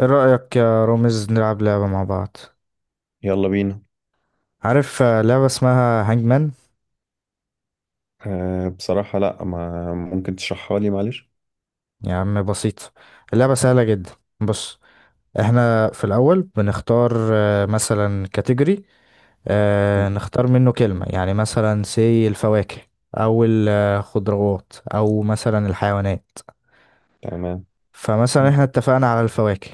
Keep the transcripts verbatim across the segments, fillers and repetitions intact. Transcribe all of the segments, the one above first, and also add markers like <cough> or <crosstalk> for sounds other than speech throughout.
ايه رأيك يا رامز نلعب لعبة مع بعض؟ يلا بينا. عارف. آه، لعبة اسمها هانجمان. أه بصراحة، لا، ما ممكن تشرحها لي، معلش. يا عم بسيطة، اللعبة سهلة جدا. بص، احنا في الأول بنختار آه، مثلا كاتيجوري، مم. نختار منه كلمة، يعني مثلا سي الفواكه أو الخضروات أو مثلا الحيوانات. تمام. فمثلا مم. احنا اتفقنا على الفواكه،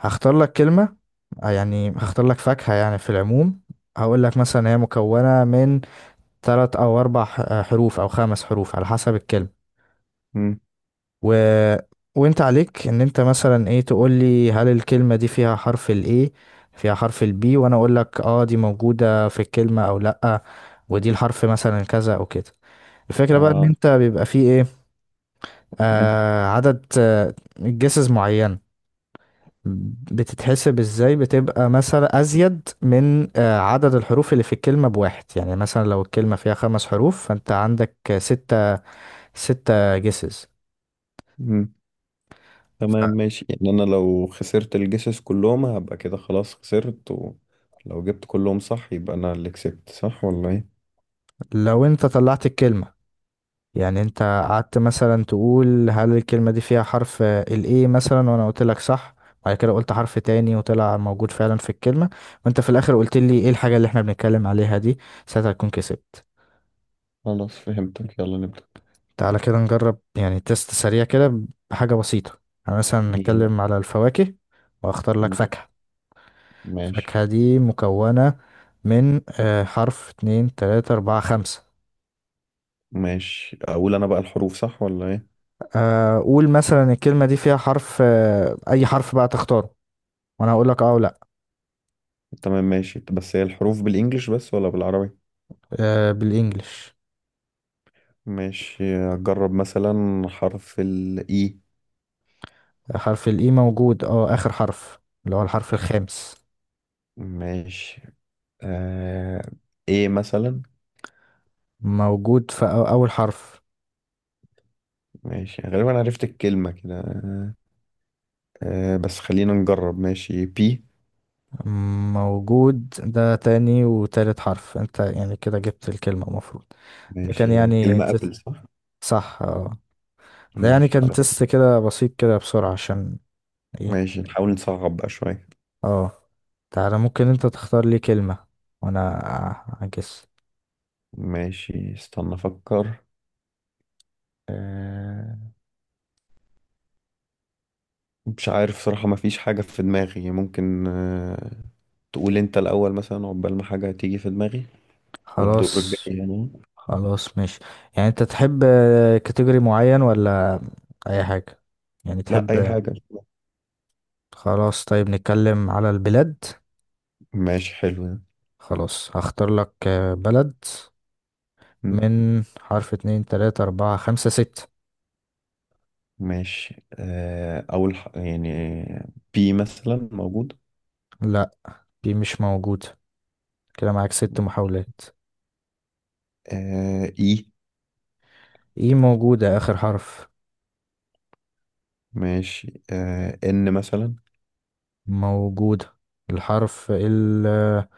هختار لك كلمة. آه، يعني هختار لك فاكهة يعني في العموم، هقول لك مثلا هي مكونة من تلات او اربع ح- آه، حروف او خمس حروف على حسب الكلمة. مم. و... وانت عليك ان انت مثلا ايه تقول لي هل الكلمة دي فيها حرف الاي، فيها حرف البي، وانا اقول لك اه دي موجودة في الكلمة او لأ، ودي الحرف مثلا كذا او كده. الفكرة بقى ان اه. انت بيبقى فيه ايه، مم. آه عدد آه جسز معين، بتتحسب ازاي؟ بتبقى مثلا ازيد من آه، عدد الحروف اللي في الكلمة بواحد، يعني مثلا لو الكلمة فيها خمس حروف فانت عندك ستة، ستة جيسز. مم. تمام ماشي، يعني أنا لو خسرت الجسس كلهم هبقى كده خلاص خسرت، ولو جبت كلهم صح يبقى أنا اللي كسبت، صح ولا إيه؟ لو انت طلعت الكلمة، يعني انت قعدت مثلا تقول هل الكلمة دي فيها حرف ال A مثلا، وانا قلت لك صح، بعد كده قلت حرف تاني وطلع موجود فعلا في الكلمة، وانت في الاخر قلت لي ايه الحاجة اللي احنا بنتكلم عليها دي، ساعتها تكون كسبت. خلاص فهمتك، يلا نبدأ. تعالى كده نجرب، يعني تيست سريع كده بحاجة بسيطة. يعني مثلا يعني نتكلم على الفواكه، واختار لك ماشي فاكهة. ماشي الفاكهة دي مكونة من آه، حرف اتنين تلاتة أربعة خمسة. ماشي. أقول أنا بقى الحروف صح ولا إيه؟ آه، قول مثلا الكلمة دي فيها حرف، آه، أي حرف بقى تختاره، وأنا هقول لك أه ولا لأ. تمام ماشي، بس هي الحروف بالإنجليش بس ولا بالعربي؟ آه، بالإنجلش. ماشي، أجرب مثلا حرف الإي. حرف الإي موجود، أه، آخر حرف، اللي هو الحرف الخامس. ماشي. آه ايه مثلا. موجود في أو- أول حرف. ماشي، غالبا عرفت الكلمة كده. آه. آه، بس خلينا نجرب. ماشي، بي. موجود، ده تاني وتالت حرف، أنت يعني كده جبت الكلمة المفروض. ده ماشي، كان يعني يعني الكلمة تست، ابل صح. صح، أه. ده يعني ماشي كان خلاص. تست كده بسيط كده بسرعة عشان إيه. ماشي، نحاول نصعب بقى شوية. أه، تعالى، ممكن أنت تختار لي كلمة وأنا أجس. ماشي، استنى افكر. آه. مش عارف صراحة، ما فيش حاجة في دماغي. ممكن. آه تقول انت الاول مثلا، عقبال ما حاجة تيجي في دماغي، والدور الجاي خلاص. يعني. خلاص ماشي، يعني انت تحب كاتيجوري معين ولا اي حاجة، يعني لا، اي تحب؟ حاجة. خلاص طيب نتكلم على البلاد. ماشي حلو. خلاص هختار لك آه، بلد ده. من حرف اتنين تلاتة اربعة خمسة ستة. ماشي. آه، أول ح... يعني بي مثلا موجود. لا، دي مش موجودة، كده معاك ست محاولات. آه، إي. ايه موجودة، اخر حرف. ماشي. آه، إن مثلا. موجودة، الحرف ال- آه،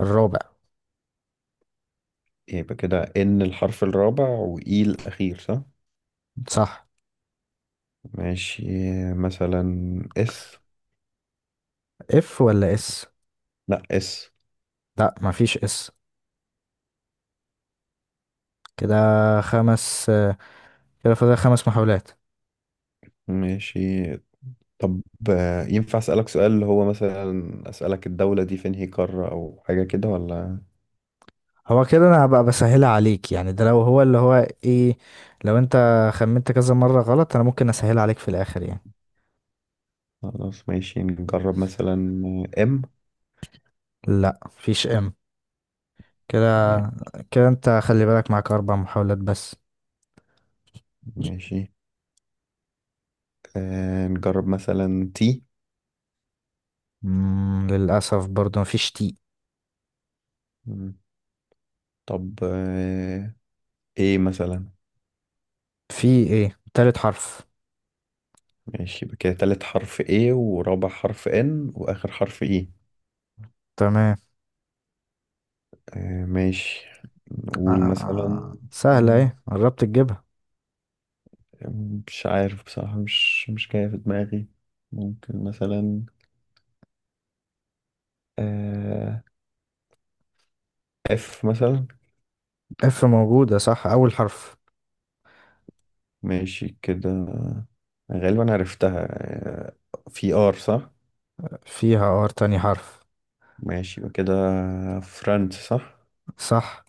الرابع. يبقى كده إن الحرف الرابع وإي الأخير، صح؟ صح. ماشي. آه، مثلا إس. اف ولا اس؟ لأ، إس. لا، مفيش اس. كده خمس، آه، كده فاضل خمس محاولات. ماشي. طب. آه، ينفع أسألك سؤال، اللي هو مثلا أسألك الدولة دي فين، هي قارة أو حاجة كده ولا؟ هو كده انا هبقى بسهلها عليك، يعني ده لو هو اللي هو ايه، لو انت خمنت كذا مرة غلط انا ممكن اسهلها عليك في الاخر يعني. خلاص ماشي، نجرب مثلا إم. لا مفيش ام، كده، كده انت خلي بالك معاك اربع محاولات بس. ماشي. آه، نجرب مثلا تي. مم للاسف برضو مفيش تي. طب. آه، ايه مثلا. في ايه؟ تالت حرف. ماشي، يبقى كده تالت حرف ايه، ورابع حرف ان، واخر حرف ايه. تمام. آه، ماشي. نقول مثلا. آه، سهلة، مم، ايه قربت تجيبها. مش عارف بصراحة، مش مش جاية في دماغي. ممكن مثلا. آه اف مثلا. اف موجودة، صح، اول حرف. ماشي كده، غالبا عرفتها. آه، في ار صح. فيها ار، تاني حرف. ماشي، يبقى كده فرانس صح. صح.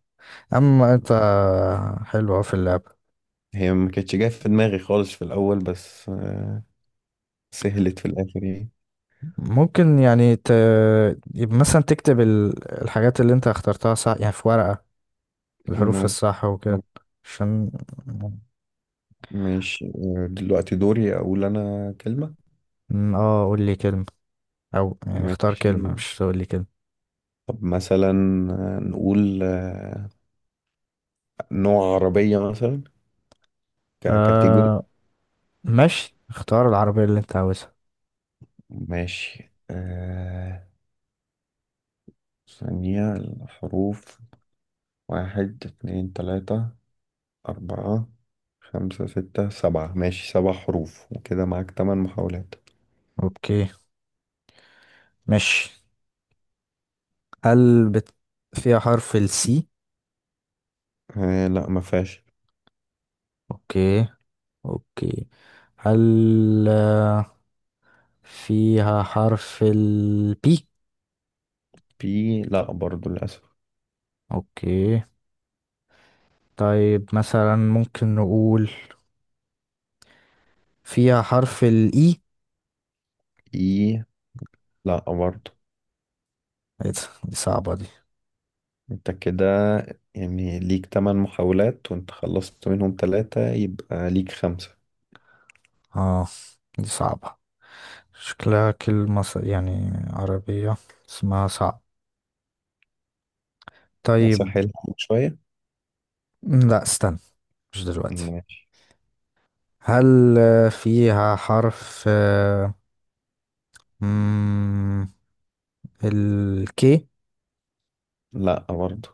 اما انت، حلو، أهو في اللعبة. هي ما كانتش جاية في دماغي خالص في الاول، بس آه سهلت في الاخر يعني. ممكن يعني ت... يبقى مثلا تكتب ال... الحاجات اللي انت اخترتها صح يعني في ورقة، الحروف ممكن. الصح وكده. طب. عشان، ماشي. آه، دلوقتي دوري أقول أنا كلمة. م، اه قول لي كلمة، او يعني اختار ماشي، كلمة، مش تقول لي كلمة. طب مثلا. آه، نقول. آه، نوع عربية مثلا، ككاتيجوري. آه ماشي، اختار العربية اللي انت عاوزها. ماشي. آه، ثانية الحروف، واحد اتنين تلاتة أربعة خمسة ستة سبعة. ماشي، سبع حروف، وكده معاك تمن محاولات. اوكي ماشي. هل بت... فيها حرف السي؟ آه لا، ما فيهاش. اوكي. اوكي، هل آه، فيها حرف البي؟ بي لا، برضو للأسف. اوكي. طيب مثلا ممكن نقول فيها حرف الإي. إي لا، برضو. إيه ده؟ دي صعبة دي. انت كده، يعني ليك تمن محاولات، وانت خلصت منهم تلاتة، يبقى ليك خمسة. اه، دي صعبة، شكلها كلمة ص- يعني عربية اسمها صعب. طيب. اسهلها لك شوية. م، لا استنى، مش دلوقتي. ماشي. هل آه، فيها حرف آه، مم، الكي؟ لا، برضه.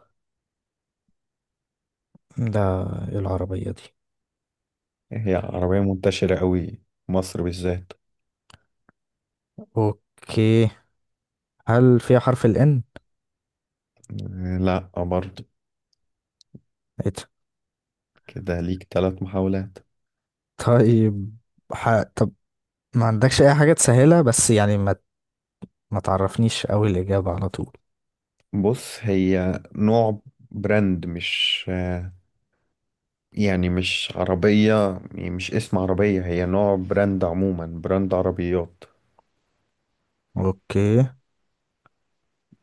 ده إيه العربية دي؟ هي عربية منتشرة قوي، مصر بالذات. اوكي، هل فيها حرف الان؟ لا، برضه. ايه ده؟ كده ليك تلات محاولات. طيب. ح... طب ما عندكش اي حاجة تسهلها؟ بس يعني ما ما تعرفنيش قوي الإجابة على طول. بص، هي نوع براند، مش يعني مش عربية، يعني مش اسم عربية، هي نوع براند، عموما براند عربيات، اوكي.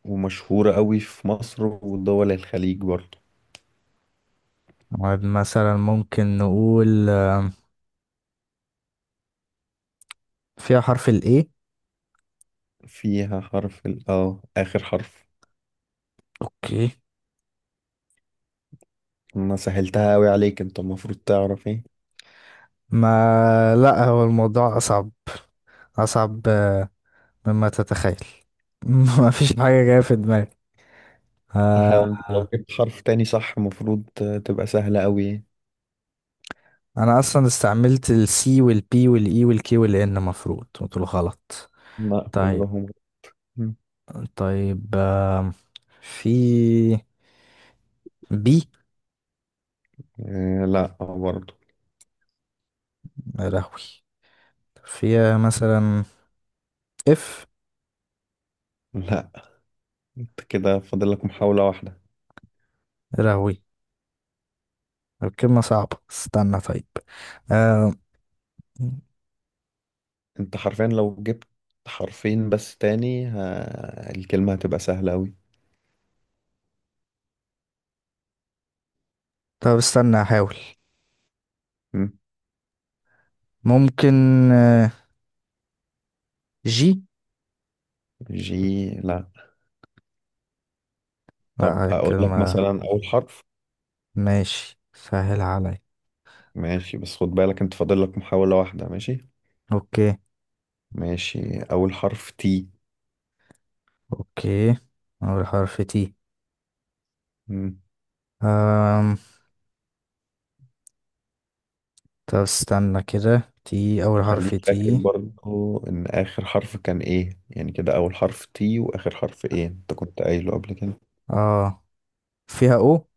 ومشهورة قوي في مصر ودول الخليج برضه. طيب، مثلا ممكن نقول آه، فيها حرف الاي. فيها حرف ال، اه آخر حرف. اوكي. أنا سهلتها أوي عليك، أنت المفروض تعرف إيه. ما، لا هو الموضوع اصعب، اصعب، آه، مما تتخيل. <laughs> ما فيش حاجه جايه في دماغي. آه، تحاول أنت، لو آه. جبت حرف تاني صح، المفروض تبقى سهلة أوي. انا اصلا استعملت السي والبي والاي والكي والان، مفروض قلت له غلط. لا، طيب. كلهم. طيب آم، في بي. آه، لا برضو. رهوي. فيها مثلا اف. لا، أنت كده فاضل لك محاولة واحدة. رهوي. الكلمة صعبة، استنى طيب. آه، أنت حرفيا لو جبت حرفين بس تاني، ها الكلمة هتبقى سهلة أوي. طب استنى احاول. مم. ممكن آه، جي. جي لا. طب لا أقول لك كلمة، مثلا أول حرف. ماشي سهل عليا. ماشي، بس خد بالك أنت فاضل لك محاولة واحدة، ماشي. اوكي. ماشي، أول حرف تي. اوكي، اول حرف تي. أم... طب استنى كده، تي، اول حرف وخليك فاكر تي. برضو، ان اخر حرف كان ايه، يعني كده اول حرف تي، واخر حرف ايه، انت كنت قايله قبل كده. اه، فيها او.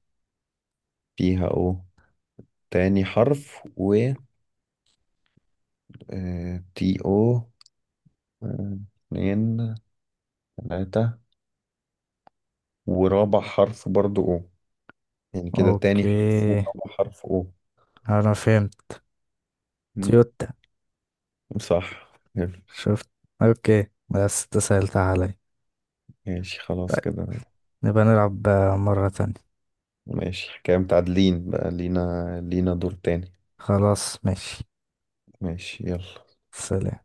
فيها او. تاني حرف و آه، تي او. آه، اتنين تلاتة، ورابع حرف برضو او. يعني كده تاني حرف اوكي، ورابع حرف او. انا فهمت. مم، تويوتا. صح، حلو. شفت؟ اوكي بس انت سهلتها عليا. ماشي خلاص طيب كده. نبقى نلعب آه، مرة تانية. ماشي، كده متعادلين بقى، لينا لينا دور تاني. خلاص ماشي. ماشي، يلا. سلام.